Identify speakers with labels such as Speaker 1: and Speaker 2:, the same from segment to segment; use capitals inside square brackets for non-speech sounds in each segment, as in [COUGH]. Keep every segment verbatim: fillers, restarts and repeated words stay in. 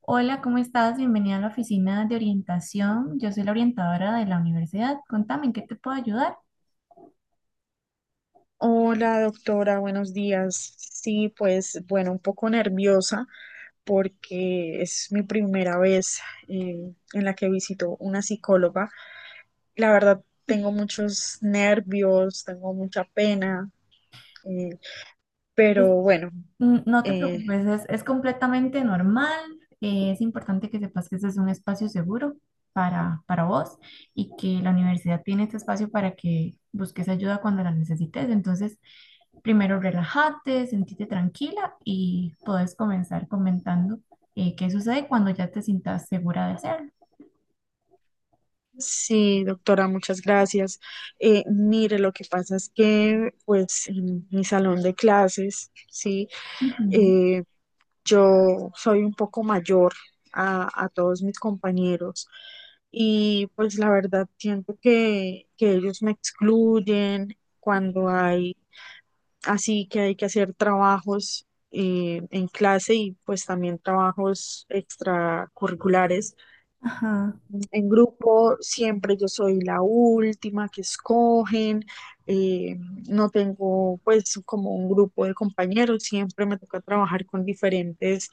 Speaker 1: Hola, ¿cómo estás? Bienvenida a la oficina de orientación. Yo soy la orientadora de la universidad. Contame, ¿en qué te puedo ayudar?
Speaker 2: Hola, doctora, buenos días. Sí, pues bueno, un poco nerviosa porque es mi primera vez eh, en la que visito una psicóloga. La verdad, tengo muchos nervios, tengo mucha pena, eh, pero bueno,
Speaker 1: Mm, No te
Speaker 2: eh,
Speaker 1: preocupes, es, es completamente normal. Eh, es importante que sepas que este es un espacio seguro para, para vos y que la universidad tiene este espacio para que busques ayuda cuando la necesites. Entonces, primero relájate, sentite tranquila y puedes comenzar comentando eh, qué sucede cuando ya te sientas segura de hacerlo.
Speaker 2: sí, doctora, muchas gracias. Eh, mire, lo que pasa es que pues en mi salón de clases, sí.
Speaker 1: Ujú.
Speaker 2: eh, Yo soy un poco mayor a, a todos mis compañeros y pues la verdad siento que, que ellos me excluyen cuando hay así que hay que hacer trabajos eh, en clase y pues también trabajos extracurriculares.
Speaker 1: Ajá.
Speaker 2: En grupo siempre yo soy la última que escogen, eh, no tengo pues como un grupo de compañeros, siempre me toca trabajar con diferentes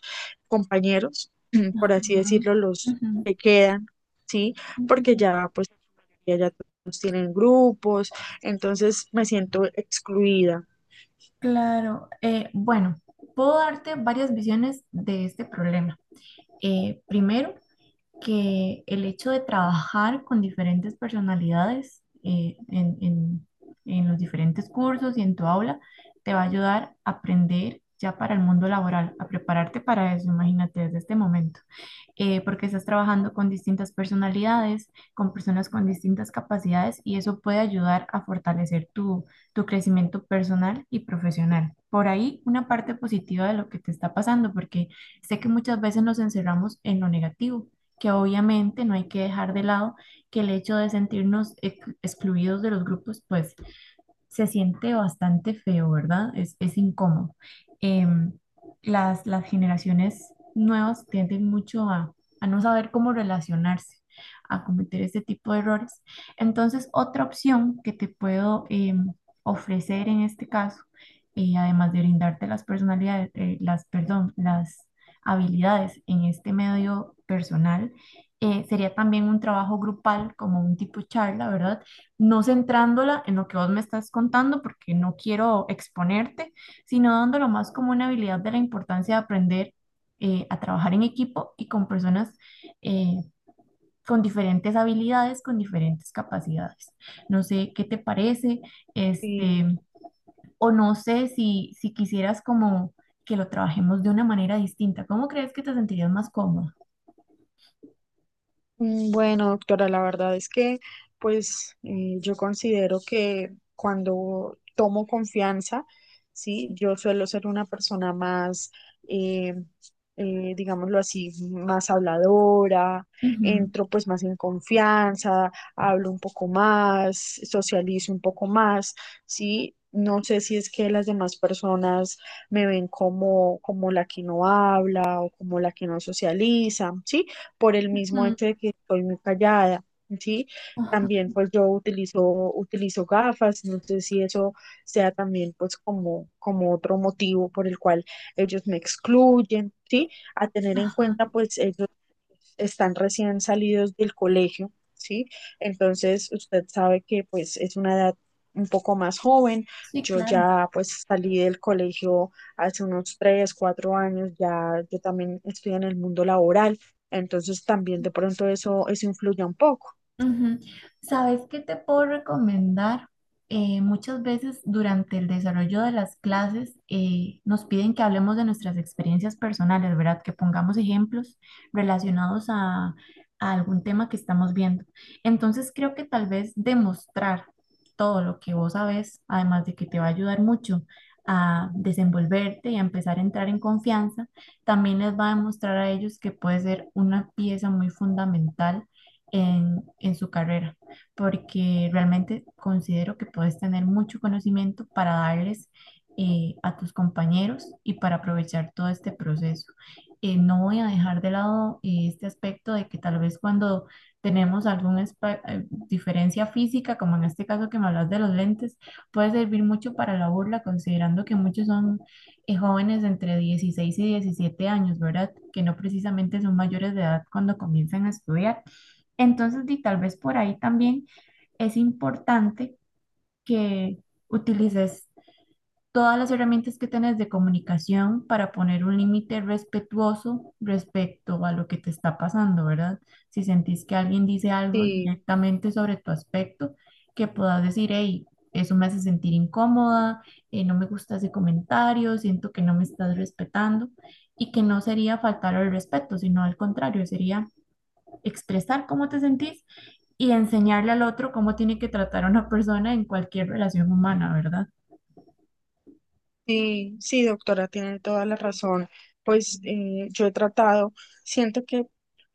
Speaker 2: compañeros, [CLEARS THROAT] por así
Speaker 1: Ujú,
Speaker 2: decirlo, los
Speaker 1: ujú,
Speaker 2: que quedan, ¿sí? Porque
Speaker 1: ujú.
Speaker 2: ya pues ya ya todos tienen grupos, entonces me siento excluida.
Speaker 1: Claro, eh, bueno, puedo darte varias visiones de este problema. Eh, primero, que el hecho de trabajar con diferentes personalidades eh, en, en- en los diferentes cursos y en tu aula te va a ayudar a aprender ya para el mundo laboral, a prepararte para eso, imagínate desde este momento eh, porque estás trabajando con distintas personalidades, con personas con distintas capacidades y eso puede ayudar a fortalecer tu, tu crecimiento personal y profesional. Por ahí una parte positiva de lo que te está pasando, porque sé que muchas veces nos encerramos en lo negativo, que obviamente no hay que dejar de lado que el hecho de sentirnos ex- excluidos de los grupos, pues se siente bastante feo, ¿verdad? Es, es incómodo. Em, las, las generaciones nuevas tienden mucho a, a no saber cómo relacionarse, a cometer este tipo de errores. Entonces, otra opción que te puedo em, ofrecer en este caso, eh, además de brindarte las personalidades, eh, las, perdón, las habilidades en este medio personal, eh, sería también un trabajo grupal, como un tipo charla, ¿verdad? No centrándola en lo que vos me estás contando, porque no quiero exponerte, sino dándolo más como una habilidad de la importancia de aprender eh, a trabajar en equipo y con personas eh, con diferentes habilidades, con diferentes capacidades. No sé qué te parece, este,
Speaker 2: Sí.
Speaker 1: o no sé si, si quisieras como que lo trabajemos de una manera distinta. ¿Cómo crees que te sentirías más cómoda?
Speaker 2: Mm, Bueno, doctora, la verdad es que, pues, eh, yo considero que cuando tomo confianza, sí, yo suelo ser una persona más, eh, eh, digámoslo así, más habladora,
Speaker 1: Ujú,
Speaker 2: entro pues más en confianza, hablo un poco más, socializo un poco más, sí. No sé si es que las demás personas me ven como, como la que no habla o como la que no socializa, ¿sí? Por el mismo hecho
Speaker 1: ujú,
Speaker 2: de que estoy muy callada, ¿sí?
Speaker 1: ajá,
Speaker 2: También pues yo utilizo, utilizo gafas, no sé si eso sea también pues como, como otro motivo por el cual ellos me excluyen, ¿sí? A tener en
Speaker 1: ajá.
Speaker 2: cuenta pues ellos están recién salidos del colegio, ¿sí? Entonces usted sabe que pues es una edad un poco más joven.
Speaker 1: Sí,
Speaker 2: Yo
Speaker 1: claro.
Speaker 2: ya pues salí del colegio hace unos tres, cuatro años, ya yo también estoy en el mundo laboral. Entonces también de pronto eso, eso influye un poco.
Speaker 1: Ujú. ¿Sabes qué te puedo recomendar? Eh, muchas veces durante el desarrollo de las clases eh, nos piden que hablemos de nuestras experiencias personales, ¿verdad? Que pongamos ejemplos relacionados a, a algún tema que estamos viendo. Entonces creo que tal vez demostrar todo lo que vos sabes, además de que te va a ayudar mucho a desenvolverte y a empezar a entrar en confianza, también les va a demostrar a ellos que puede ser una pieza muy fundamental en, en su carrera, porque realmente considero que puedes tener mucho conocimiento para darles eh, a tus compañeros y para aprovechar todo este proceso. Eh, no voy a dejar de lado eh, este aspecto de que tal vez cuando tenemos alguna eh, diferencia física, como en este caso que me hablas de los lentes, puede servir mucho para la burla, considerando que muchos son eh, jóvenes entre dieciséis y diecisiete años, ¿verdad? Que no precisamente son mayores de edad cuando comienzan a estudiar. Entonces, di, tal vez por ahí también es importante que utilices todas las herramientas que tenés de comunicación para poner un límite respetuoso respecto a lo que te está pasando, ¿verdad? Si sentís que alguien dice algo
Speaker 2: Sí,
Speaker 1: directamente sobre tu aspecto, que puedas decir, hey, eso me hace sentir incómoda, eh, no me gusta ese comentario, siento que no me estás respetando, y que no sería faltar al respeto, sino al contrario, sería expresar cómo te sentís y enseñarle al otro cómo tiene que tratar a una persona en cualquier relación humana, ¿verdad?
Speaker 2: sí, sí, doctora, tiene toda la razón. Pues eh, yo he tratado, siento que,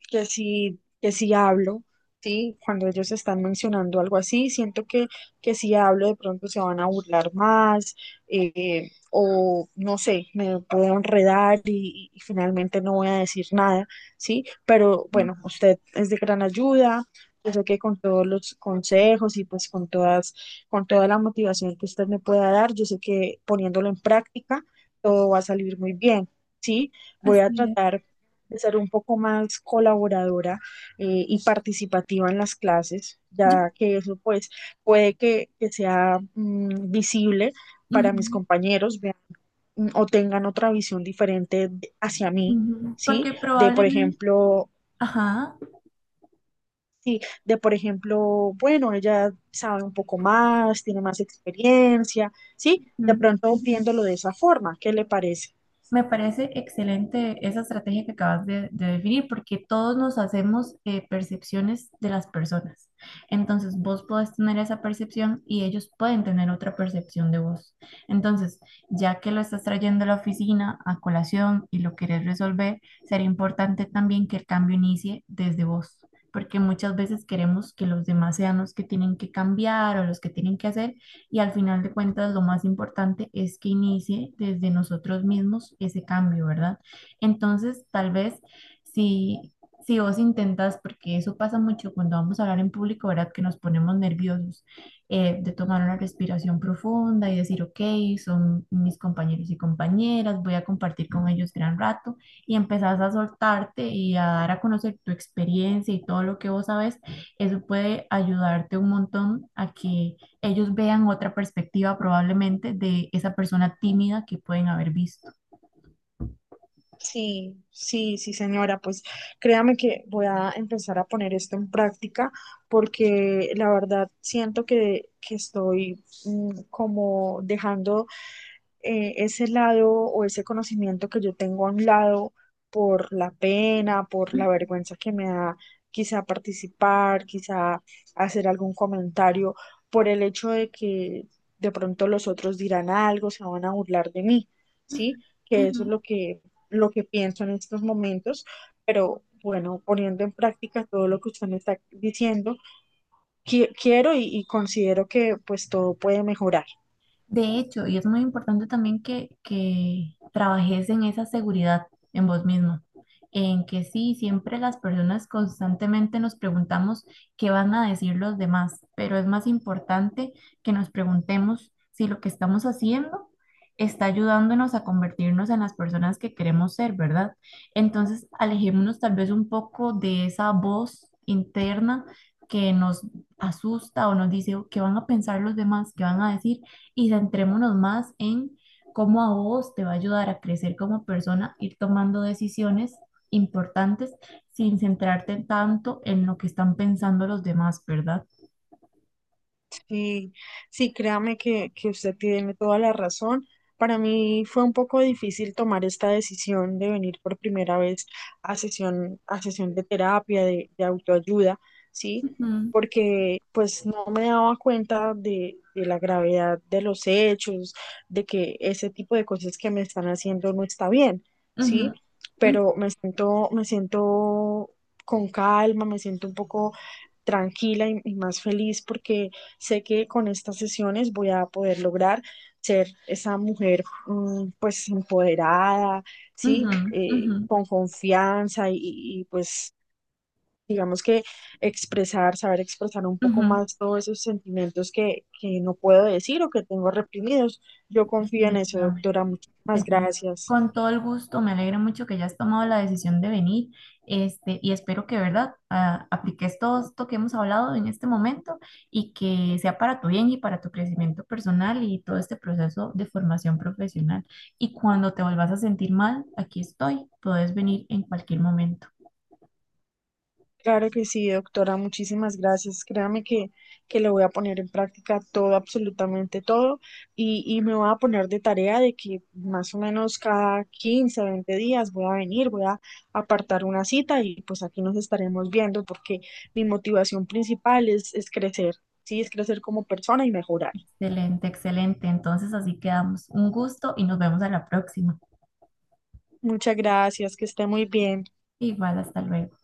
Speaker 2: que sí, que sí hablo, sí, cuando ellos están mencionando algo así, siento que, que si hablo de pronto se van a burlar más, eh, o no sé, me puedo enredar y, y finalmente no voy a decir nada, sí, pero bueno, usted es de gran ayuda. Yo sé que con todos los consejos y pues con todas con toda la motivación que usted me pueda dar. Yo sé que poniéndolo en práctica todo va a salir muy bien, ¿sí? Voy a
Speaker 1: Así es.
Speaker 2: tratar de ser un poco más colaboradora eh, y participativa en las clases, ya que eso pues puede que, que sea mm, visible para mis
Speaker 1: Ujú,
Speaker 2: compañeros, vean, mm, o tengan otra visión diferente de- hacia mí,
Speaker 1: ujú.
Speaker 2: ¿sí?
Speaker 1: Porque
Speaker 2: De, por
Speaker 1: probablemente,
Speaker 2: ejemplo,
Speaker 1: ajá.
Speaker 2: sí, de por ejemplo, bueno, ella sabe un poco más, tiene más experiencia, ¿sí?
Speaker 1: Ujú,
Speaker 2: De pronto
Speaker 1: ujú.
Speaker 2: viéndolo de esa forma, ¿qué le parece?
Speaker 1: Me parece excelente esa estrategia que acabas de, de definir porque todos nos hacemos eh, percepciones de las personas. Entonces vos podés tener esa percepción y ellos pueden tener otra percepción de vos. Entonces, ya que lo estás trayendo a la oficina a colación y lo querés resolver, sería importante también que el cambio inicie desde vos. Porque muchas veces queremos que los demás sean los que tienen que cambiar o los que tienen que hacer y al final de cuentas, lo más importante es que inicie desde nosotros mismos ese cambio, ¿verdad? Entonces, tal vez si, si vos intentas, porque eso pasa mucho cuando vamos a hablar en público, ¿verdad? Que nos ponemos nerviosos, eh, de tomar una respiración profunda y decir, ok, son mis compañeros y compañeras, voy a compartir con ellos gran rato y empezás a soltarte y a dar a conocer tu experiencia y todo lo que vos sabes, eso puede ayudarte un montón a que ellos vean otra perspectiva probablemente de esa persona tímida que pueden haber visto.
Speaker 2: Sí, sí, sí, señora, pues créame que voy a empezar a poner esto en práctica porque la verdad siento que, que estoy mm, como dejando eh, ese lado o ese conocimiento que yo tengo a un lado por la pena, por la
Speaker 1: Ujú,
Speaker 2: vergüenza que me da quizá participar, quizá hacer algún comentario, por el hecho de que de pronto los otros dirán algo, se van a burlar de mí, ¿sí?
Speaker 1: ujú,
Speaker 2: Que
Speaker 1: ujú.
Speaker 2: eso es lo que, lo que pienso en estos momentos, pero bueno, poniendo en práctica todo lo que usted me está diciendo, qui- quiero y y considero que pues todo puede mejorar.
Speaker 1: De hecho, y es muy importante también que, que trabajes en esa seguridad en vos mismo, en que sí, siempre las personas constantemente nos preguntamos qué van a decir los demás, pero es más importante que nos preguntemos si lo que estamos haciendo está ayudándonos a convertirnos en las personas que queremos ser, ¿verdad? Entonces, alejémonos tal vez un poco de esa voz interna que nos asusta o nos dice "Oh, qué van a pensar los demás, qué van a decir" y centrémonos más en cómo a vos te va a ayudar a crecer como persona, ir tomando decisiones importantes sin centrarte tanto en lo que están pensando los demás, ¿verdad?
Speaker 2: Sí, sí, créame que, que usted tiene toda la razón. Para mí fue un poco difícil tomar esta decisión de venir por primera vez a sesión, a sesión de terapia, de, de autoayuda, ¿sí?
Speaker 1: Ujú,
Speaker 2: Porque pues no me daba cuenta de, de la gravedad de los hechos, de que ese tipo de cosas que me están haciendo no está bien,
Speaker 1: ujú,
Speaker 2: ¿sí?
Speaker 1: ujú,
Speaker 2: Pero me siento, me siento con calma, me siento un poco tranquila y, y más feliz porque sé que con estas sesiones voy a poder lograr ser esa mujer mm, pues empoderada, ¿sí?
Speaker 1: ujú, ujú,
Speaker 2: Eh, con confianza y, y, pues digamos que expresar, saber expresar un poco
Speaker 1: ujú.
Speaker 2: más todos esos sentimientos que, que no puedo decir o que tengo reprimidos. Yo confío en eso,
Speaker 1: Definitivamente.
Speaker 2: doctora. Muchísimas
Speaker 1: Defi-
Speaker 2: gracias.
Speaker 1: Con todo el gusto, me alegra mucho que hayas tomado la decisión de venir, este, y espero que, ¿verdad?, ah, apliques todo esto que hemos hablado en este momento y que sea para tu bien y para tu crecimiento personal y todo este proceso de formación profesional. Y cuando te vuelvas a sentir mal, aquí estoy, puedes venir en cualquier momento.
Speaker 2: Claro que sí, doctora, muchísimas gracias. Créame que, que lo voy a poner en práctica todo, absolutamente todo, y, y me voy a poner de tarea de que más o menos cada quince, veinte días voy a venir, voy a apartar una cita y pues aquí nos estaremos viendo porque mi motivación principal es, es crecer, sí, es crecer como persona y mejorar.
Speaker 1: Excelente, excelente. Entonces así quedamos. Un gusto y nos vemos a la próxima.
Speaker 2: Muchas gracias, que esté muy bien.
Speaker 1: Igual, hasta luego.